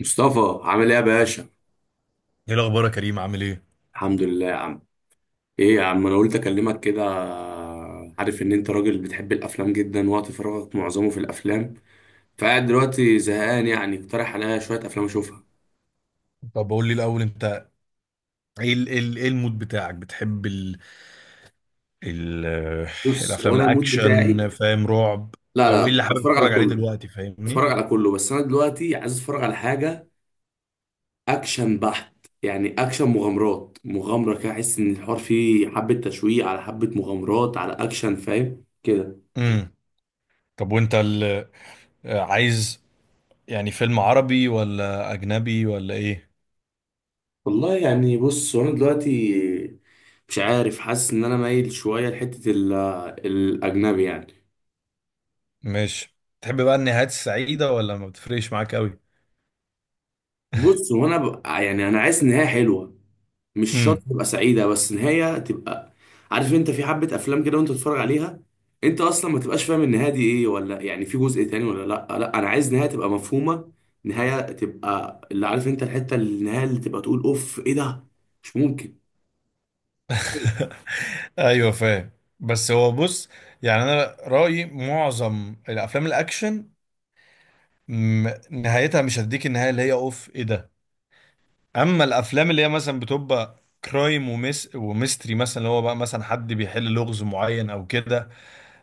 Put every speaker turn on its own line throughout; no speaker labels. مصطفى عامل ايه يا باشا؟
ايه الاخبار يا كريم؟ عامل ايه؟
الحمد لله يا عم. ايه يا عم، انا قلت اكلمك كده. عارف ان انت راجل بتحب الافلام جدا، وقت فراغك معظمه في الافلام. فقاعد دلوقتي زهقان، يعني اقترح عليا شويه افلام اشوفها.
طب قول لي الاول، انت ايه المود بتاعك؟ بتحب ال ال
بص،
الافلام
وانا المود بتاعي
الاكشن، فاهم؟ رعب؟
لا
او
لا
ايه اللي حابب
بتفرج على
تتفرج عليه
كله.
دلوقتي، فاهمني؟
بس انا دلوقتي عايز اتفرج على حاجه اكشن بحت، يعني اكشن مغامرات، مغامره كده، احس ان الحوار فيه حبه تشويق على حبه مغامرات على اكشن، فاهم كده؟
امم. طب وانت عايز يعني فيلم عربي ولا اجنبي ولا ايه؟
والله يعني بص انا دلوقتي مش عارف، حاسس ان انا مايل شويه لحته الاجنبي يعني.
ماشي. تحب بقى النهايات السعيده ولا ما بتفرقش معاك قوي؟
بص وانا بقى، يعني انا عايز نهايه حلوه، مش شرط
امم.
تبقى سعيده، بس نهايه تبقى. عارف انت في حبه افلام كده وانت تتفرج عليها انت اصلا ما تبقاش فاهم النهايه دي ايه، ولا يعني في جزء تاني ولا لا؟ لا انا عايز نهايه تبقى مفهومه، نهايه تبقى اللي عارف انت الحته النهايه اللي تبقى تقول اوف ايه ده، مش ممكن.
ايوه فاهم. بس هو بص، يعني انا رايي معظم الافلام الاكشن نهايتها مش هتديك النهايه اللي هي اوف ايه ده. اما الافلام اللي هي مثلا بتبقى كرايم ومس وميستري مثلا، اللي هو بقى مثلا حد بيحل لغز معين او كده،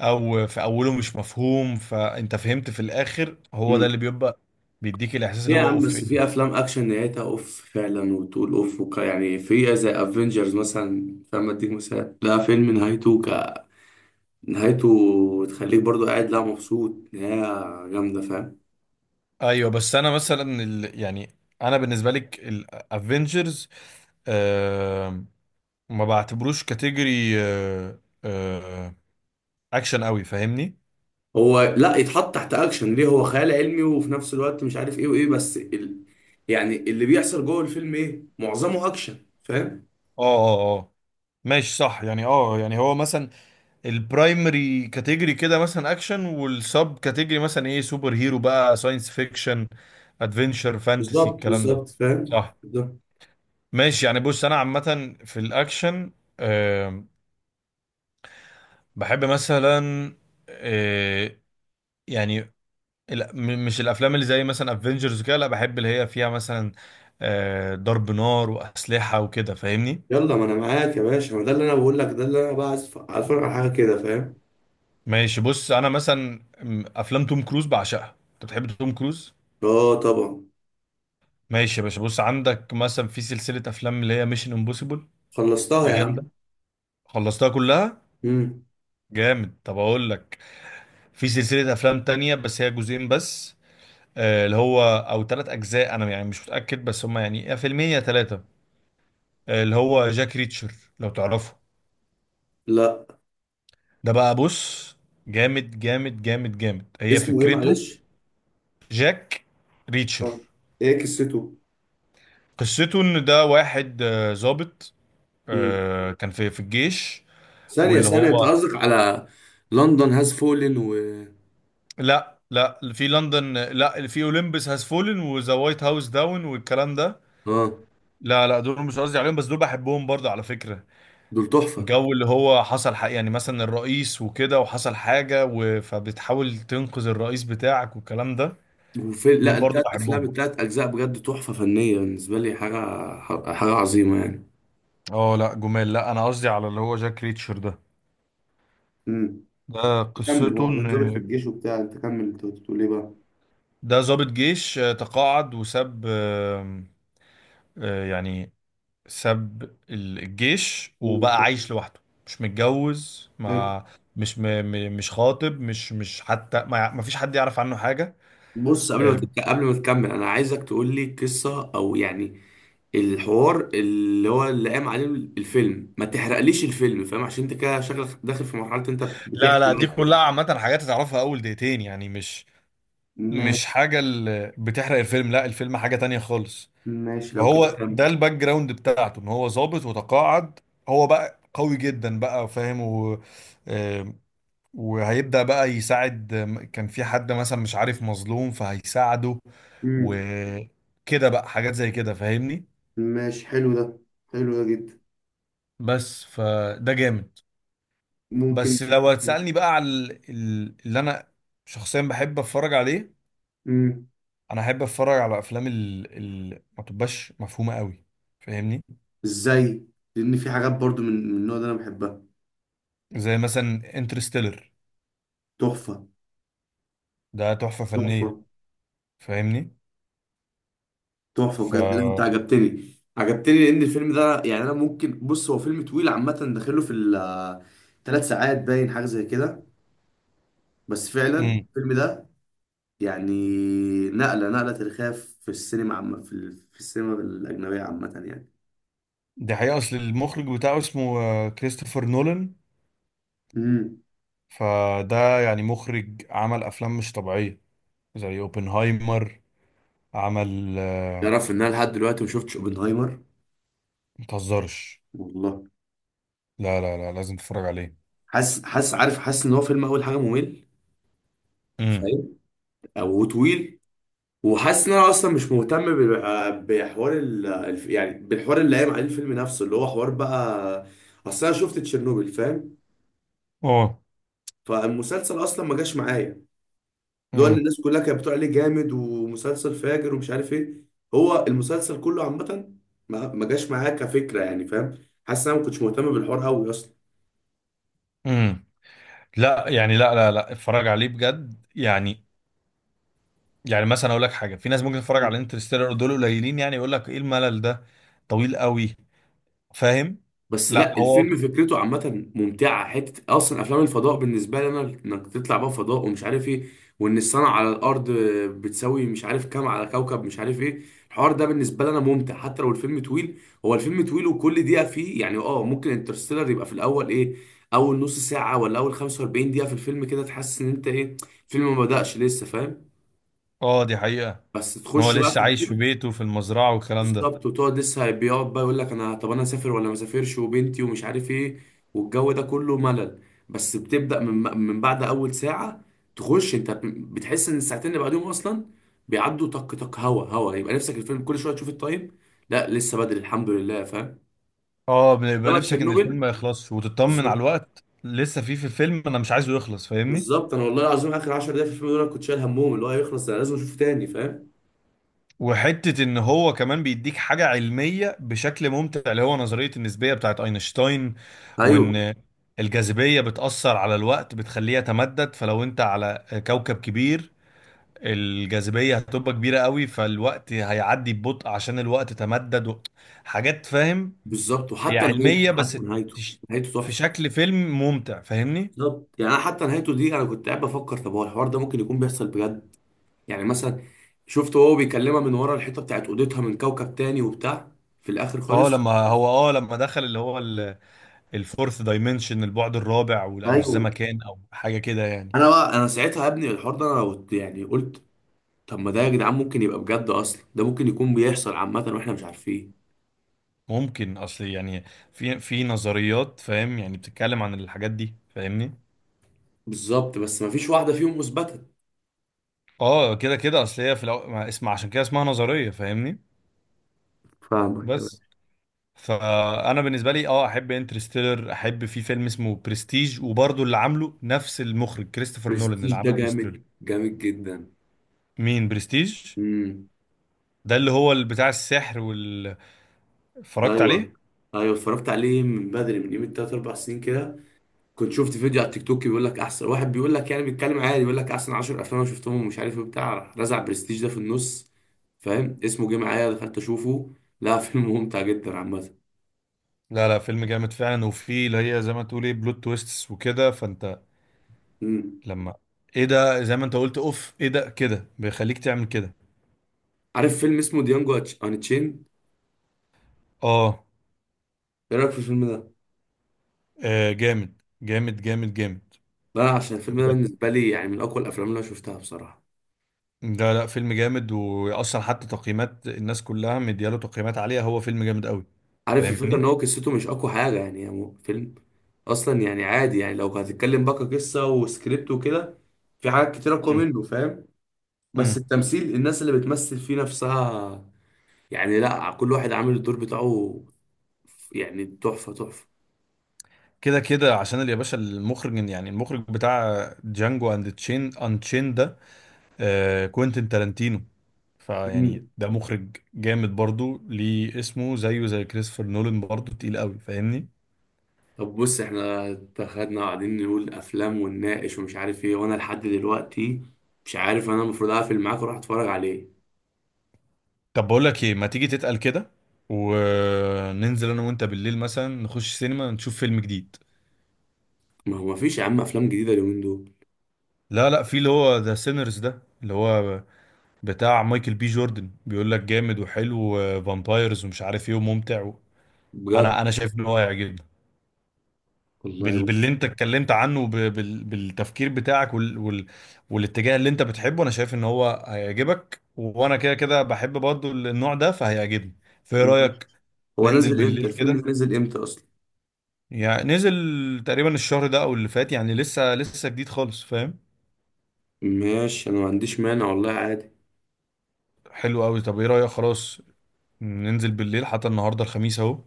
او في اوله مش مفهوم فانت فهمت في الاخر، هو ده اللي بيبقى بيديك الاحساس اللي
يا
هو
عم
اوف ايه
بس في
ده.
افلام اكشن نهايتها اوف فعلا، وتقول اوف وك، يعني في زي افنجرز مثلا، فاهم؟ اديك مثال، لا فيلم نهايته ك، نهايته تخليك برضو قاعد، لا مبسوط، نهاية جامدة، فاهم؟
ايوه، بس انا مثلا يعني انا بالنسبه لك الافنجرز، آه ما بعتبروش كاتيجوري، آه اكشن قوي، فاهمني؟
هو لا يتحط تحت اكشن ليه، هو خيال علمي، وفي نفس الوقت مش عارف ايه وايه، بس يعني اللي بيحصل جوه الفيلم ايه؟ معظمه اكشن، فاهم؟
اه اه اه ماشي، صح، يعني يعني هو مثلا البرايمري كاتيجوري كده مثلا اكشن، والسب كاتيجوري مثلا ايه سوبر هيرو، بقى ساينس فيكشن، ادفنشر، فانتسي،
بالظبط
الكلام ده.
بالظبط، فاهم
صح.
بالظبط.
ماشي، يعني بص، انا عامة في الاكشن آه بحب مثلا، آه يعني مش الافلام اللي زي مثلا افنجرز كده، لا، بحب اللي هي فيها مثلا ضرب نار واسلحة وكده، فاهمني؟
يلا ما انا معاك يا باشا، ما ده اللي انا بقول لك، ده اللي انا بقى عايز عايز اتفرج على حاجة كده، فاهم؟
ماشي، بص انا مثلا افلام توم كروز بعشقها. انت بتحب توم كروز؟
اه طبعا.
ماشي يا باشا، بص، عندك مثلا في سلسله افلام اللي هي ميشن امبوسيبل،
خلصتها
دي
يا
جامده.
عم.
خلصتها كلها.
مم.
جامد. طب اقول لك، في سلسله افلام تانية بس هي جزئين بس، اللي هو او ثلاث اجزاء، انا يعني مش متاكد، بس هم يعني يا فيلمين يا ثلاثه، اللي هو جاك ريتشر، لو تعرفه.
لا.
ده بقى بص جامد جامد جامد جامد، هي
اسمه ايه
فكرته.
معلش؟
جاك ريتشر.
آه. ايه قصته؟
قصته ان ده واحد ظابط،
مم.
كان في الجيش.
ثانية
واللي
ثانية، انت
هو،
قصدك على لندن هاز فولن و...
لا لا، اللي في لندن، لا، اللي في اولمبس هاز فولن وذا وايت هاوس داون والكلام ده.
اه.
لا لا، دول مش قصدي عليهم، بس دول بحبهم برضه على فكرة.
دول تحفة.
جو اللي هو حصل حق، يعني مثلا الرئيس وكده، وحصل حاجة فبتحاول تنقذ الرئيس بتاعك والكلام ده.
وفي،
دول
لا،
برضه
التلات افلام،
بحبهم.
التلات اجزاء بجد تحفة فنية بالنسبة لي، حاجة حاجة عظيمة يعني.
اه لا، جمال، لا انا قصدي على اللي هو جاك ريتشر ده.
امم.
ده
كمل،
قصته
هو
ان
كان ظابط في الجيش وبتاع، انت كمل، انت كنت بتقول ايه بقى؟
ده ضابط جيش تقاعد وساب، يعني ساب الجيش
مم.
وبقى
شكله
عايش لوحده، مش متجوز،
حلو.
ما، مش مش خاطب، مش حتى ما فيش حد يعرف عنه حاجة.
بص قبل ما
أم،
قبل ما تكمل، انا عايزك تقول لي قصه، او يعني الحوار اللي هو اللي قام عليه الفيلم، ما تحرقليش الفيلم، فاهم؟ عشان انت كده شكلك داخل في مرحله انت
لا
بتحكي
لا،
بقى
دي كلها
الفيلم.
عامة، حاجات هتعرفها أول دقيقتين، يعني مش. مش
ماشي.
حاجة اللي بتحرق الفيلم، لا، الفيلم حاجة تانية خالص.
ماشي لو كده
فهو
كمل.
ده الباك جراوند بتاعته إن هو ظابط وتقاعد، هو بقى قوي جدا بقى، فاهم؟ وهيبدأ بقى يساعد، كان في حد مثلا مش عارف مظلوم، فهيساعده
امم.
وكده بقى، حاجات زي كده، فاهمني؟
ماشي، حلو ده، حلو ده جدا.
بس فده جامد.
ممكن.
بس لو هتسألني بقى على اللي انا شخصيا بحب اتفرج عليه،
امم.
انا احب اتفرج على افلام اللي ما تبقاش مفهومة قوي، فاهمني؟
ازاي؟ لان في حاجات برضو من النوع ده انا بحبها.
زي مثلا انترستيلر،
تحفة،
ده تحفة فنية،
تحفة.
فاهمني؟
تحفه
ف
بجد، لا، انت عجبتني، عجبتني، لان الفيلم ده يعني انا ممكن، بص هو فيلم طويل عامه، داخله في الثلاث ساعات باين، حاجه زي كده. بس فعلا
امم.
الفيلم ده يعني نقله، نقله تاريخيه في السينما عامه، في في السينما الاجنبيه عامه يعني.
دي حقيقة، اصل المخرج بتاعه اسمه كريستوفر نولان.
امم.
فده يعني مخرج عمل افلام مش طبيعيه، زي اوبنهايمر، عمل
تعرف ان انا لحد دلوقتي ما شفتش اوبنهايمر؟
متهزرش.
والله.
لا لا لا، لازم تتفرج عليه.
حاسس، حاسس، عارف، حاسس ان هو فيلم اول حاجه ممل،
امم.
فاهم؟ او طويل. وحاسس ان انا اصلا مش مهتم بحوار يعني بالحوار اللي قايم عليه الفيلم نفسه، اللي هو حوار بقى. اصل انا شفت تشيرنوبل فاهم؟
اه.
فالمسلسل اصلا ما جاش معايا، اللي هو اللي
امم.
الناس كلها كانت بتقول عليه جامد ومسلسل فاجر ومش عارف ايه. هو المسلسل كله عامه ما جاش معايا كفكره يعني، فاهم؟ حاسس ان انا ما كنتش مهتم بالحوار قوي اصلا.
امم. لا، يعني لا لا لا، اتفرج عليه بجد يعني. يعني مثلا اقول لك حاجه، في ناس ممكن تتفرج على انترستيلر دول قليلين، يعني يقول لك ايه الملل ده، طويل قوي، فاهم؟
بس
لا
لا
هو
الفيلم فكرته عامة ممتعة، حتة أصلا أفلام الفضاء بالنسبة لي أنا إنك تطلع بقى فضاء ومش عارف إيه، وإن السنة على الأرض بتساوي مش عارف كام على كوكب مش عارف إيه، الحوار ده بالنسبة لي أنا ممتع حتى لو الفيلم طويل. هو الفيلم طويل وكل دقيقة فيه يعني أه، ممكن انترستيلر يبقى في الأول إيه، أول نص ساعة ولا أول 45 دقيقة في الفيلم كده تحس إن أنت إيه، الفيلم ما بدأش لسه، فاهم؟
اه، دي حقيقه
بس
ان هو
تخش بقى في
لسه عايش في
الفيلم
بيته في المزرعه والكلام ده.
بالظبط، وتقعد لسه بيقعد بقى يقول لك انا طب انا اسافر ولا ما اسافرش، وبنتي ومش عارف ايه، والجو ده كله ملل. بس بتبدا من بعد اول ساعه تخش انت، بتحس ان الساعتين اللي بعدهم اصلا بيعدوا طق طق هوا هوا، يبقى نفسك الفيلم كل شويه تشوف التايم، لا لسه بدري الحمد لله، فاهم؟
اه، بيبقى
انما
نفسك ان الفيلم
تشيرنوبل.
ما يخلصش، وتطمن على
بالظبط،
الوقت لسه فيه في الفيلم، انا مش عايزه يخلص، فاهمني؟
بالظبط، انا والله العظيم اخر 10 دقايق في الفيلم دول أنا كنت شايل همهم، اللي هو يخلص، انا لازم اشوفه تاني فاهم؟
وحتة ان هو كمان بيديك حاجة علمية بشكل ممتع، اللي هو نظرية النسبية بتاعت اينشتاين،
ايوه.
وان الجاذبية بتأثر على الوقت بتخليه يتمدد، فلو انت على كوكب كبير الجاذبية هتبقى كبيرة قوي، فالوقت هيعدي ببطء عشان الوقت تمدد حاجات، فاهم؟
بالظبط،
هي
وحتى نهايته،
علمية،
حتى
بس
نهايته،
تش-
نهايته
في
تحفه.
شكل فيلم ممتع، فاهمني؟
بالظبط، يعني انا حتى نهايته دي انا كنت قاعد بفكر، طب هو الحوار ده ممكن يكون بيحصل بجد؟ يعني مثلا شفت هو بيكلمها من ورا الحيطه بتاعت اوضتها من كوكب تاني وبتاع، في الاخر
اه
خالص.
لما هو، اه لما دخل اللي هو الفورث دايمنشن، البعد الرابع، او
ايوه.
الزمكان او حاجه كده يعني.
انا بقى انا ساعتها يا ابني الحوار ده انا قلت يعني، قلت طب ما ده يا جدعان ممكن يبقى بجد، اصلا ده ممكن يكون بيحصل عامه واحنا مش عارفين.
ممكن، اصل يعني في نظريات، فاهم؟ يعني بتتكلم عن الحاجات دي، فاهمني؟
بالظبط، بس ما فيش واحده فيهم اثبتت.
اه كده كده، اصل هي ما اسم، عشان كده اسمها نظريه، فاهمني؟
فاهمك.
بس فانا بالنسبه لي اه احب انترستيلر، احب في فيلم اسمه برستيج، وبرضه اللي عامله نفس المخرج كريستوفر نولان اللي
برستيج ده
عمل انستريل.
جامد، جامد جدا.
مين برستيج؟
امم.
ده اللي هو اللي بتاع السحر وال، اتفرجت عليه.
ايوه، ايوه اتفرجت عليه من بدري، من يومين، تلات اربع سنين كده، كنت شفت فيديو على التيك توك بيقول لك احسن واحد، بيقول لك يعني، بيتكلم عادي بيقول لك احسن 10 افلام انا شفتهم ومش عارف ايه بتاع، راح رزع برستيج ده في النص، فاهم؟ اسمه جه معايا، دخلت اشوفه. لا فيلم ممتع جدا عامه.
لا لا، فيلم جامد فعلا، وفيه اللي هي زي ما تقول ايه بلوت تويستس وكده، فانت
مم.
لما، ايه ده؟ زي ما انت قلت اوف ايه ده كده، بيخليك تعمل كده.
عارف فيلم اسمه ديانجو ان تشين؟
اه.
ايه رايك في الفيلم ده؟
جامد جامد جامد جامد.
لا، عشان الفيلم ده
بجد،
بالنسبه لي يعني من اقوى الافلام اللي انا شفتها بصراحه.
لا لا، فيلم جامد واصلا، حتى تقييمات الناس كلها مدياله تقييمات عالية، هو فيلم جامد قوي،
عارف الفكره ان
فاهمني؟
هو قصته مش اقوى حاجه، يعني هو فيلم اصلا يعني عادي، يعني لو هتتكلم بقى قصه وسكريبت وكده في حاجات كتير اقوى
امم.
منه، فاهم؟ بس
امم.
التمثيل، الناس اللي بتمثل فيه نفسها، يعني لا كل واحد عامل الدور بتاعه، يعني تحفة، تحفة.
كده كده، عشان يا باشا، المخرج يعني المخرج بتاع جانجو اند تشين ان تشين ده، آه كوينتين تارانتينو، فيعني
مم.
ده مخرج جامد برضو، ليه اسمه زيه زي كريستوفر نولان، برضو تقيل قوي، فاهمني؟
طب بص احنا اتخدنا قاعدين نقول افلام ونناقش ومش عارف ايه، وانا لحد دلوقتي مش عارف انا المفروض اقفل معاك واروح اتفرج على ايه.
طب بقول لك ايه، ما تيجي تتقل كده، وننزل انا وانت بالليل مثلا نخش سينما نشوف فيلم جديد.
ما هو مفيش يا عم افلام جديدة اليومين دول.
لا لا، في اللي هو ذا سينرز ده، اللي هو بتاع مايكل بي جوردن، بيقول لك جامد وحلو، وفامبايرز ومش عارف ايه وممتع انا
بجد؟
انا شايف ان هو هيعجبني،
والله
باللي
بص.
انت اتكلمت عنه، بالتفكير بتاعك، والاتجاه اللي انت بتحبه، انا شايف ان هو هيعجبك، وانا كده كده بحب برضه النوع ده فهيعجبني. فايه
ماشي.
رأيك؟
هو
ننزل
نزل امتى
بالليل
الفيلم
كده،
ده، نزل امتى اصلا؟
يعني نزل تقريبا الشهر ده او اللي فات، يعني لسه لسه جديد خالص، فاهم؟
ماشي، انا ما عنديش مانع والله، عادي.
حلو قوي. طب ايه رأيك، خلاص ننزل بالليل، حتى النهارده الخميس اهو،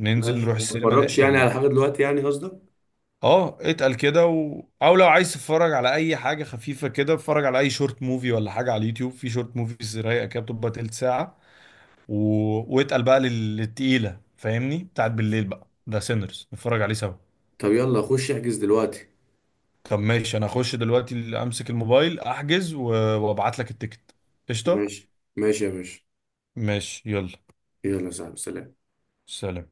ننزل
ماشي،
نروح
ما
السينما.
اتفرجش يعني على حاجة دلوقتي يعني قصدك؟
اه اتقل كده او لو عايز تتفرج على اي حاجه خفيفه كده، اتفرج على اي شورت موفي ولا حاجه على اليوتيوب، في شورت موفيز رايقه كده بتبقى تلت ساعه و... واتقل بقى للتقيله، فاهمني؟ بتاعت بالليل بقى ده، سينرز، نتفرج عليه سوا.
طب يلا خش احجز دلوقتي.
طب ماشي، انا اخش دلوقتي امسك الموبايل احجز وابعت لك التيكت. قشطه.
ماشي ماشي يا باشا.
ماشي يلا.
يلا يا صاحبي، سلام.
سلام.